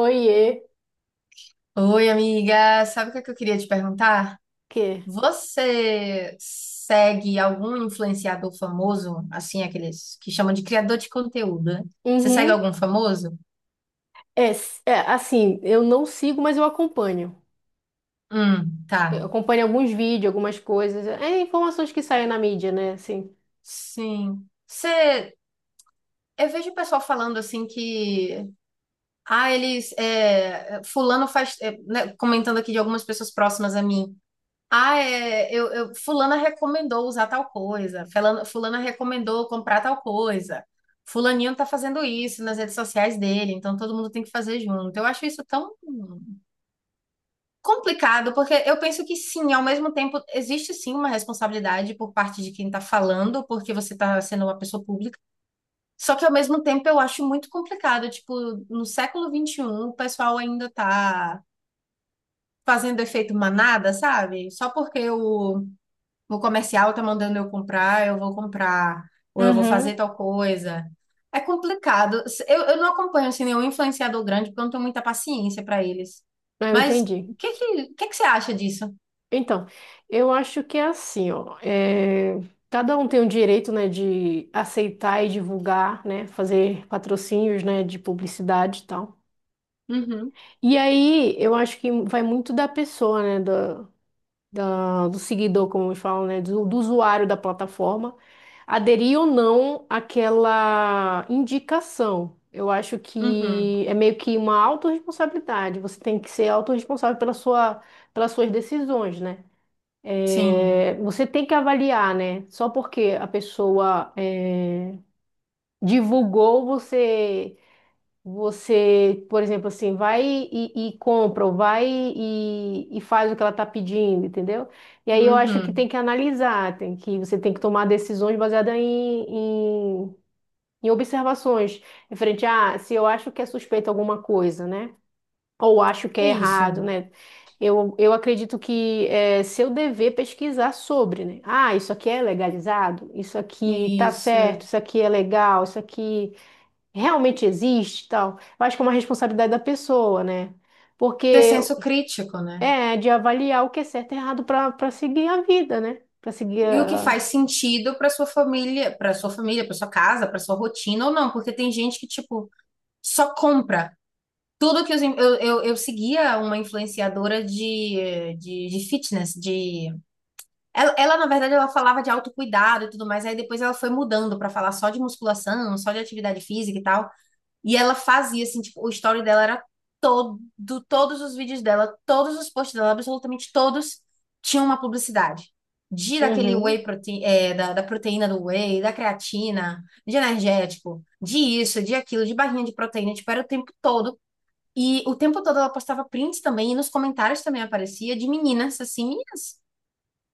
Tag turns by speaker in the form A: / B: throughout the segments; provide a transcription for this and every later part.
A: Oiê,
B: Oi, amiga. Sabe o que é que eu queria te perguntar?
A: que?
B: Você segue algum influenciador famoso, assim, aqueles que chamam de criador de conteúdo, né? Você segue
A: Uhum.
B: algum famoso?
A: Assim, eu não sigo, mas eu acompanho. Eu
B: Tá.
A: acompanho alguns vídeos, algumas coisas. É informações que saem na mídia, né? Assim.
B: Sim. Você, eu vejo o pessoal falando assim que, ah, eles, é, fulano faz, é, né, comentando aqui de algumas pessoas próximas a mim. Ah, é, fulana recomendou usar tal coisa, fulana recomendou comprar tal coisa, fulaninho tá fazendo isso nas redes sociais dele, então todo mundo tem que fazer junto. Eu acho isso tão complicado, porque eu penso que sim, ao mesmo tempo existe sim uma responsabilidade por parte de quem tá falando, porque você tá sendo uma pessoa pública, só que ao mesmo tempo eu acho muito complicado, tipo, no século XXI o pessoal ainda tá fazendo efeito manada, sabe? Só porque o comercial tá mandando eu comprar, eu vou comprar, ou eu vou
A: Uhum.
B: fazer tal coisa. É complicado. Eu não acompanho assim, nenhum influenciador grande, porque eu não tenho muita paciência para eles.
A: Ah, eu
B: Mas
A: entendi.
B: o que que você acha disso?
A: Então, eu acho que é assim, ó. Cada um tem o direito, né, de aceitar e divulgar, né? Fazer patrocínios, né, de publicidade e tal.
B: Uhum,
A: E aí, eu acho que vai muito da pessoa, né? Do seguidor, como eles falam, né, do usuário da plataforma, aderir ou não àquela indicação. Eu acho
B: uhum,
A: que é meio que uma autorresponsabilidade. Você tem que ser autorresponsável pela sua, pelas suas decisões, né?
B: sim,
A: É, você tem que avaliar, né? Só porque a pessoa divulgou, você, por exemplo, assim, vai e compra, ou vai e faz o que ela está pedindo, entendeu? E aí eu acho que tem
B: uhum.
A: que analisar, você tem que tomar decisões baseadas em, em observações. Referente a, se eu acho que é suspeito alguma coisa, né? Ou acho que
B: É
A: é
B: isso,
A: errado, né? Eu acredito que é seu dever pesquisar sobre, né? Ah, isso aqui é legalizado? Isso
B: é
A: aqui tá
B: isso.
A: certo? Isso aqui é legal? Isso aqui realmente existe e tal, eu acho que é uma responsabilidade da pessoa, né?
B: Ter
A: Porque
B: senso crítico, né?
A: é de avaliar o que é certo e errado para para seguir a vida, né? Para seguir
B: E o que
A: a.
B: faz sentido para sua família, para sua família, para sua casa, para sua rotina ou não, porque tem gente que, tipo, só compra. Tudo que os in- eu, eu seguia uma influenciadora de fitness, ela, na verdade ela falava de autocuidado e tudo mais, aí depois ela foi mudando para falar só de musculação, só de atividade física e tal. E ela fazia assim, tipo, o story dela era todo, todos os vídeos dela, todos os posts dela, absolutamente todos tinham uma publicidade. De daquele
A: Uhum,
B: whey protein, é, da, da proteína do whey, da creatina, de energético, de isso, de aquilo, de barrinha de proteína, tipo, era o tempo todo e o tempo todo ela postava prints também, e nos comentários também aparecia de meninas, assim, meninas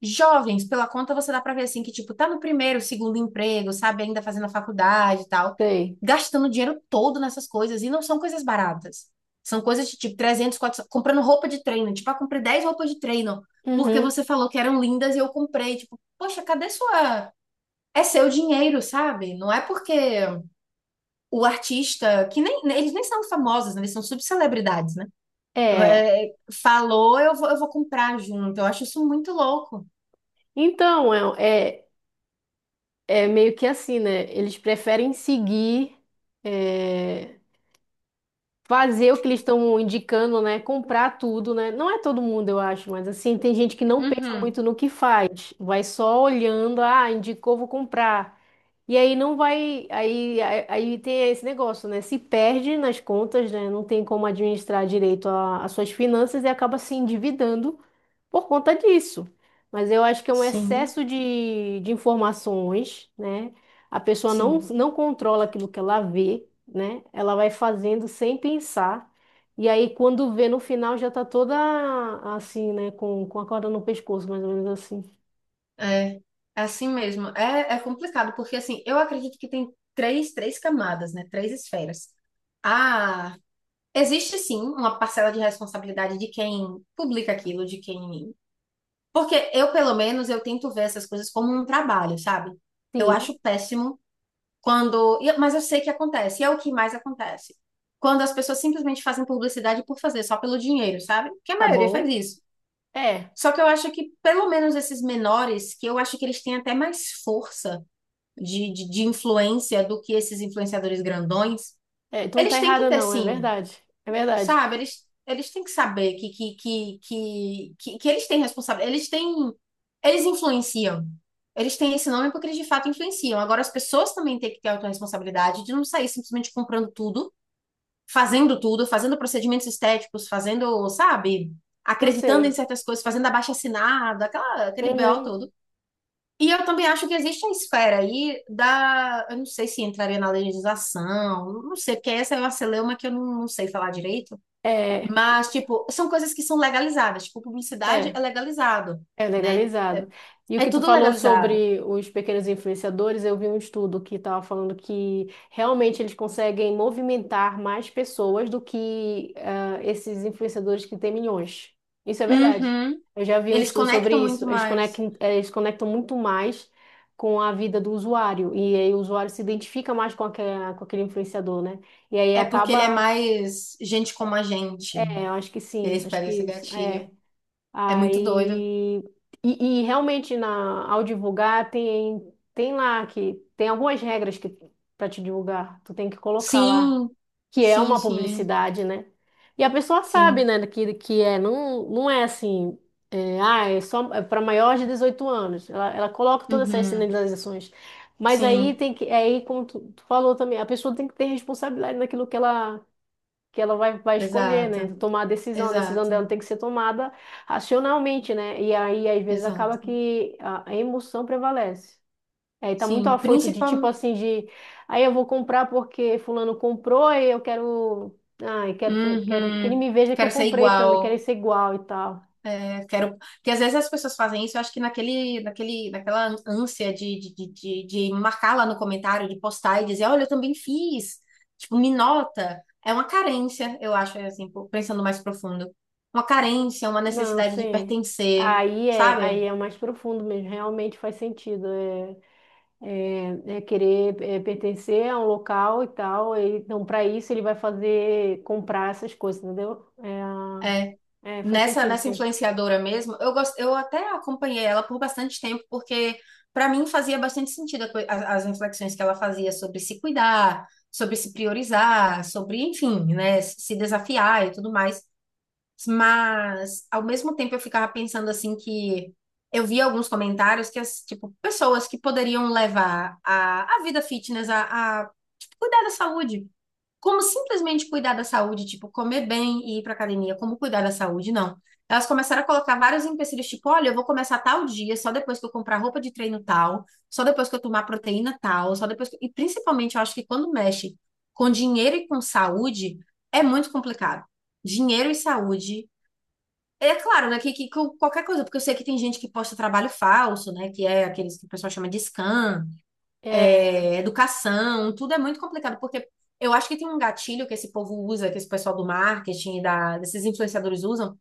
B: jovens, pela conta você dá pra ver, assim, que, tipo, tá no primeiro, segundo emprego, sabe, ainda fazendo a faculdade e tal,
A: sei.
B: gastando dinheiro todo nessas coisas, e não são coisas baratas. São coisas de, tipo, 300 400, comprando roupa de treino, tipo, ah, comprei 10 roupas de treino, porque
A: Uhum.
B: você falou que eram lindas e eu comprei, tipo, poxa, cadê sua... É seu dinheiro, sabe? Não é porque o artista, que nem, eles nem são famosos, né? Eles são subcelebridades, né?
A: É.
B: É, falou, eu vou comprar junto. Eu acho isso muito louco.
A: Então, é meio que assim, né? Eles preferem seguir, é, fazer o que eles estão indicando, né? Comprar tudo, né? Não é todo mundo, eu acho, mas assim, tem gente que não pensa
B: Uhum.
A: muito no que faz, vai só olhando, ah, indicou, vou comprar. E aí não vai, aí tem esse negócio, né? Se perde nas contas, né? Não tem como administrar direito as suas finanças e acaba se endividando por conta disso. Mas eu acho que é um
B: Sim,
A: excesso de informações, né? A pessoa não,
B: sim.
A: não controla aquilo que ela vê, né? Ela vai fazendo sem pensar. E aí, quando vê no final, já tá toda assim, né? Com a corda no pescoço, mais ou menos assim.
B: É, é assim mesmo. É, é complicado, porque assim, eu acredito que tem três camadas, né? Três esferas. Ah, existe sim uma parcela de responsabilidade de quem publica aquilo, de quem. Porque eu, pelo menos, eu tento ver essas coisas como um trabalho, sabe? Eu
A: Sim,
B: acho péssimo quando, e- mas eu sei que acontece, e é o que mais acontece. Quando as pessoas simplesmente fazem publicidade por fazer, só pelo dinheiro, sabe? Que a
A: tá
B: maioria faz
A: bom.
B: isso.
A: É.
B: Só que eu acho que, pelo menos esses menores, que eu acho que eles têm até mais força de influência do que esses influenciadores grandões,
A: É, tu não tá
B: eles têm que
A: errada,
B: ter,
A: não, é
B: sim,
A: verdade. É verdade.
B: sabe? Eles têm que saber que eles têm responsabilidade. Eles têm. Eles influenciam. Eles têm esse nome porque eles de fato influenciam. Agora, as pessoas também têm que ter a autorresponsabilidade de não sair simplesmente comprando tudo, fazendo procedimentos estéticos, fazendo, sabe?
A: Eu
B: Acreditando em
A: sei.
B: certas coisas, fazendo abaixo-assinado, aquela, aquele BO
A: Uhum.
B: todo. E eu também acho que existe a esfera aí da. Eu não sei se entraria na legislação, não sei, porque essa é uma celeuma que eu não, não sei falar direito.
A: É,
B: Mas, tipo, são coisas que são legalizadas. Tipo, publicidade
A: é,
B: é legalizado,
A: é
B: né?
A: legalizado. E o
B: É
A: que tu
B: tudo
A: falou
B: legalizado.
A: sobre os pequenos influenciadores, eu vi um estudo que estava falando que realmente eles conseguem movimentar mais pessoas do que ah, esses influenciadores que têm milhões. Isso é verdade.
B: Uhum.
A: Eu já vi um
B: Eles
A: estudo sobre
B: conectam
A: isso.
B: muito mais.
A: Eles conectam muito mais com a vida do usuário. E aí o usuário se identifica mais com aquele influenciador, né? E aí
B: É porque ele é
A: acaba.
B: mais gente como a gente.
A: É, eu acho que sim,
B: Eles
A: acho
B: pegam
A: que
B: esse
A: isso, é.
B: gatilho. É muito doido.
A: Aí, e realmente na, ao divulgar tem, tem lá que tem algumas regras que para te divulgar, tu tem que colocar lá,
B: Sim,
A: que é
B: sim,
A: uma
B: sim,
A: publicidade, né? E a pessoa sabe,
B: sim.
A: né, que é, não, não é assim, é, ah, é só para maiores de 18 anos. Ela coloca todas essas
B: Uhum.
A: sinalizações. Mas aí
B: Sim,
A: tem que, aí como tu, tu falou também, a pessoa tem que ter responsabilidade naquilo que ela vai, vai escolher,
B: exato,
A: né? Tomar a decisão. A decisão
B: exato,
A: dela tem que ser tomada racionalmente, né? E aí, às vezes, acaba
B: exato.
A: que a emoção prevalece. Aí tá muito
B: Sim,
A: afoito de tipo
B: principalmente.
A: assim, de aí eu vou comprar porque fulano comprou e eu quero. Ah, eu quero, quero que ele
B: Uhum.
A: me veja que eu
B: Quero ser
A: comprei também, quero
B: igual.
A: ser igual e tal.
B: É, quero, porque às vezes as pessoas fazem isso, eu acho que naquela ânsia de marcar lá no comentário, de postar e dizer, olha, eu também fiz, tipo, me nota. É uma carência, eu acho, é, assim, pensando mais profundo. Uma carência, uma
A: Não,
B: necessidade de
A: sim.
B: pertencer, sabe?
A: Aí é mais profundo mesmo, realmente faz sentido. É. É querer pertencer a um local e tal. Então, para isso, ele vai fazer comprar essas coisas, entendeu?
B: É.
A: É, faz
B: Nessa,
A: sentido,
B: nessa
A: sim.
B: influenciadora mesmo, eu gosto, eu até acompanhei ela por bastante tempo, porque para mim fazia bastante sentido a as reflexões que ela fazia sobre se cuidar, sobre se priorizar, sobre, enfim, né, se desafiar e tudo mais. Mas, ao mesmo tempo, eu ficava pensando assim que eu via alguns comentários que, as, tipo, pessoas que poderiam levar a vida fitness tipo, cuidar da saúde como simplesmente cuidar da saúde, tipo comer bem e ir para academia, como cuidar da saúde, não. Elas começaram a colocar vários empecilhos, tipo, olha, eu vou começar tal dia, só depois que eu comprar roupa de treino tal, só depois que eu tomar proteína tal, só depois que... E principalmente, eu acho que quando mexe com dinheiro e com saúde, é muito complicado. Dinheiro e saúde. É claro, né, que com qualquer coisa, porque eu sei que tem gente que posta trabalho falso, né, que é aqueles que o pessoal chama de scam,
A: É,
B: é, educação, tudo é muito complicado, porque eu acho que tem um gatilho que esse povo usa, que esse pessoal do marketing, e da, desses influenciadores usam,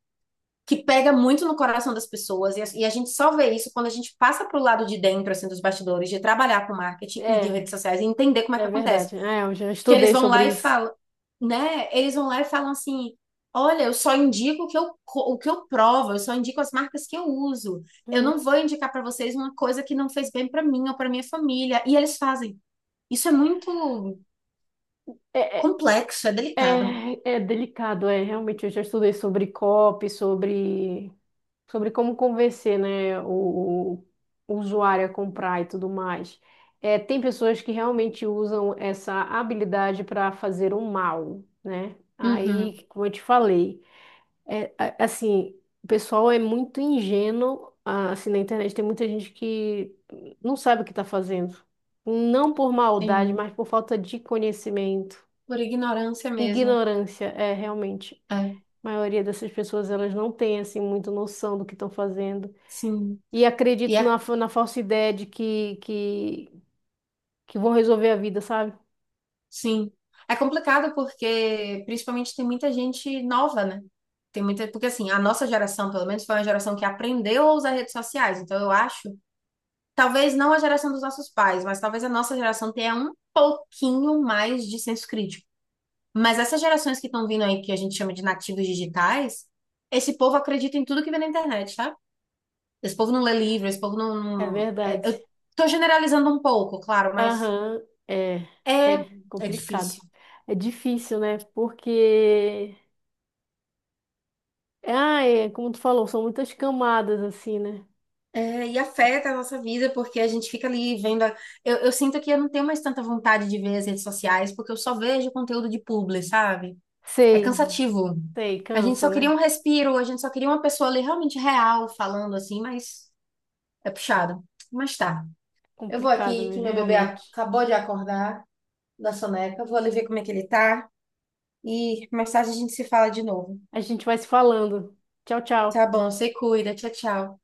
B: que pega muito no coração das pessoas, e a gente só vê isso quando a gente passa pro lado de dentro, assim, dos bastidores, de trabalhar com marketing e de
A: é,
B: redes sociais, e entender como é
A: é
B: que acontece.
A: verdade. É, eu já
B: Que eles
A: estudei
B: vão lá
A: sobre
B: e
A: isso.
B: falam, né? Eles vão lá e falam assim, olha, eu só indico o que eu provo, eu só indico as marcas que eu uso. Eu não
A: Uhum.
B: vou indicar para vocês uma coisa que não fez bem para mim ou para minha família. E eles fazem. Isso é muito
A: É, é,
B: complexo, é delicado.
A: é delicado, é. Realmente, eu já estudei sobre COP, sobre como convencer, né, o usuário a comprar e tudo mais. É, tem pessoas que realmente usam essa habilidade para fazer o mal, né?
B: Uhum,
A: Aí, como eu te falei, é, assim, o pessoal é muito ingênuo, ah, assim, na internet tem muita gente que não sabe o que está fazendo. Não por maldade,
B: sim,
A: mas por falta de conhecimento.
B: por ignorância mesmo.
A: Ignorância, é, realmente.
B: É,
A: A maioria dessas pessoas, elas não tem, assim, muita noção do que estão fazendo.
B: sim.
A: E
B: E
A: acredito
B: é,
A: na, na falsa ideia de que que vão resolver a vida, sabe?
B: sim. É complicado porque, principalmente, tem muita gente nova, né? Tem muita, porque assim, a nossa geração, pelo menos, foi uma geração que aprendeu a usar redes sociais. Então, eu acho, talvez não a geração dos nossos pais, mas talvez a nossa geração tenha um pouquinho mais de senso crítico. Mas essas gerações que estão vindo aí, que a gente chama de nativos digitais, esse povo acredita em tudo que vê na internet, sabe? Esse povo não lê livro, esse povo não.
A: É verdade.
B: Eu tô generalizando um pouco, claro, mas
A: Aham, é,
B: é,
A: é
B: é
A: complicado.
B: difícil.
A: É difícil, né? Porque, ah, é, como tu falou, são muitas camadas, assim, né?
B: É, e afeta a nossa vida, porque a gente fica ali vendo. Eu sinto que eu não tenho mais tanta vontade de ver as redes sociais, porque eu só vejo conteúdo de publi, sabe? É
A: Sei,
B: cansativo.
A: sei,
B: A gente
A: cansa,
B: só queria um
A: né?
B: respiro, a gente só queria uma pessoa ali realmente real falando assim, mas é puxado. Mas tá. Eu vou
A: Complicado
B: aqui, que
A: mesmo,
B: meu bebê
A: realmente.
B: acabou de acordar da soneca, vou ali ver como é que ele tá e mais tarde a gente se fala de novo.
A: A gente vai se falando. Tchau,
B: Tá
A: tchau.
B: bom, você cuida. Tchau, tchau.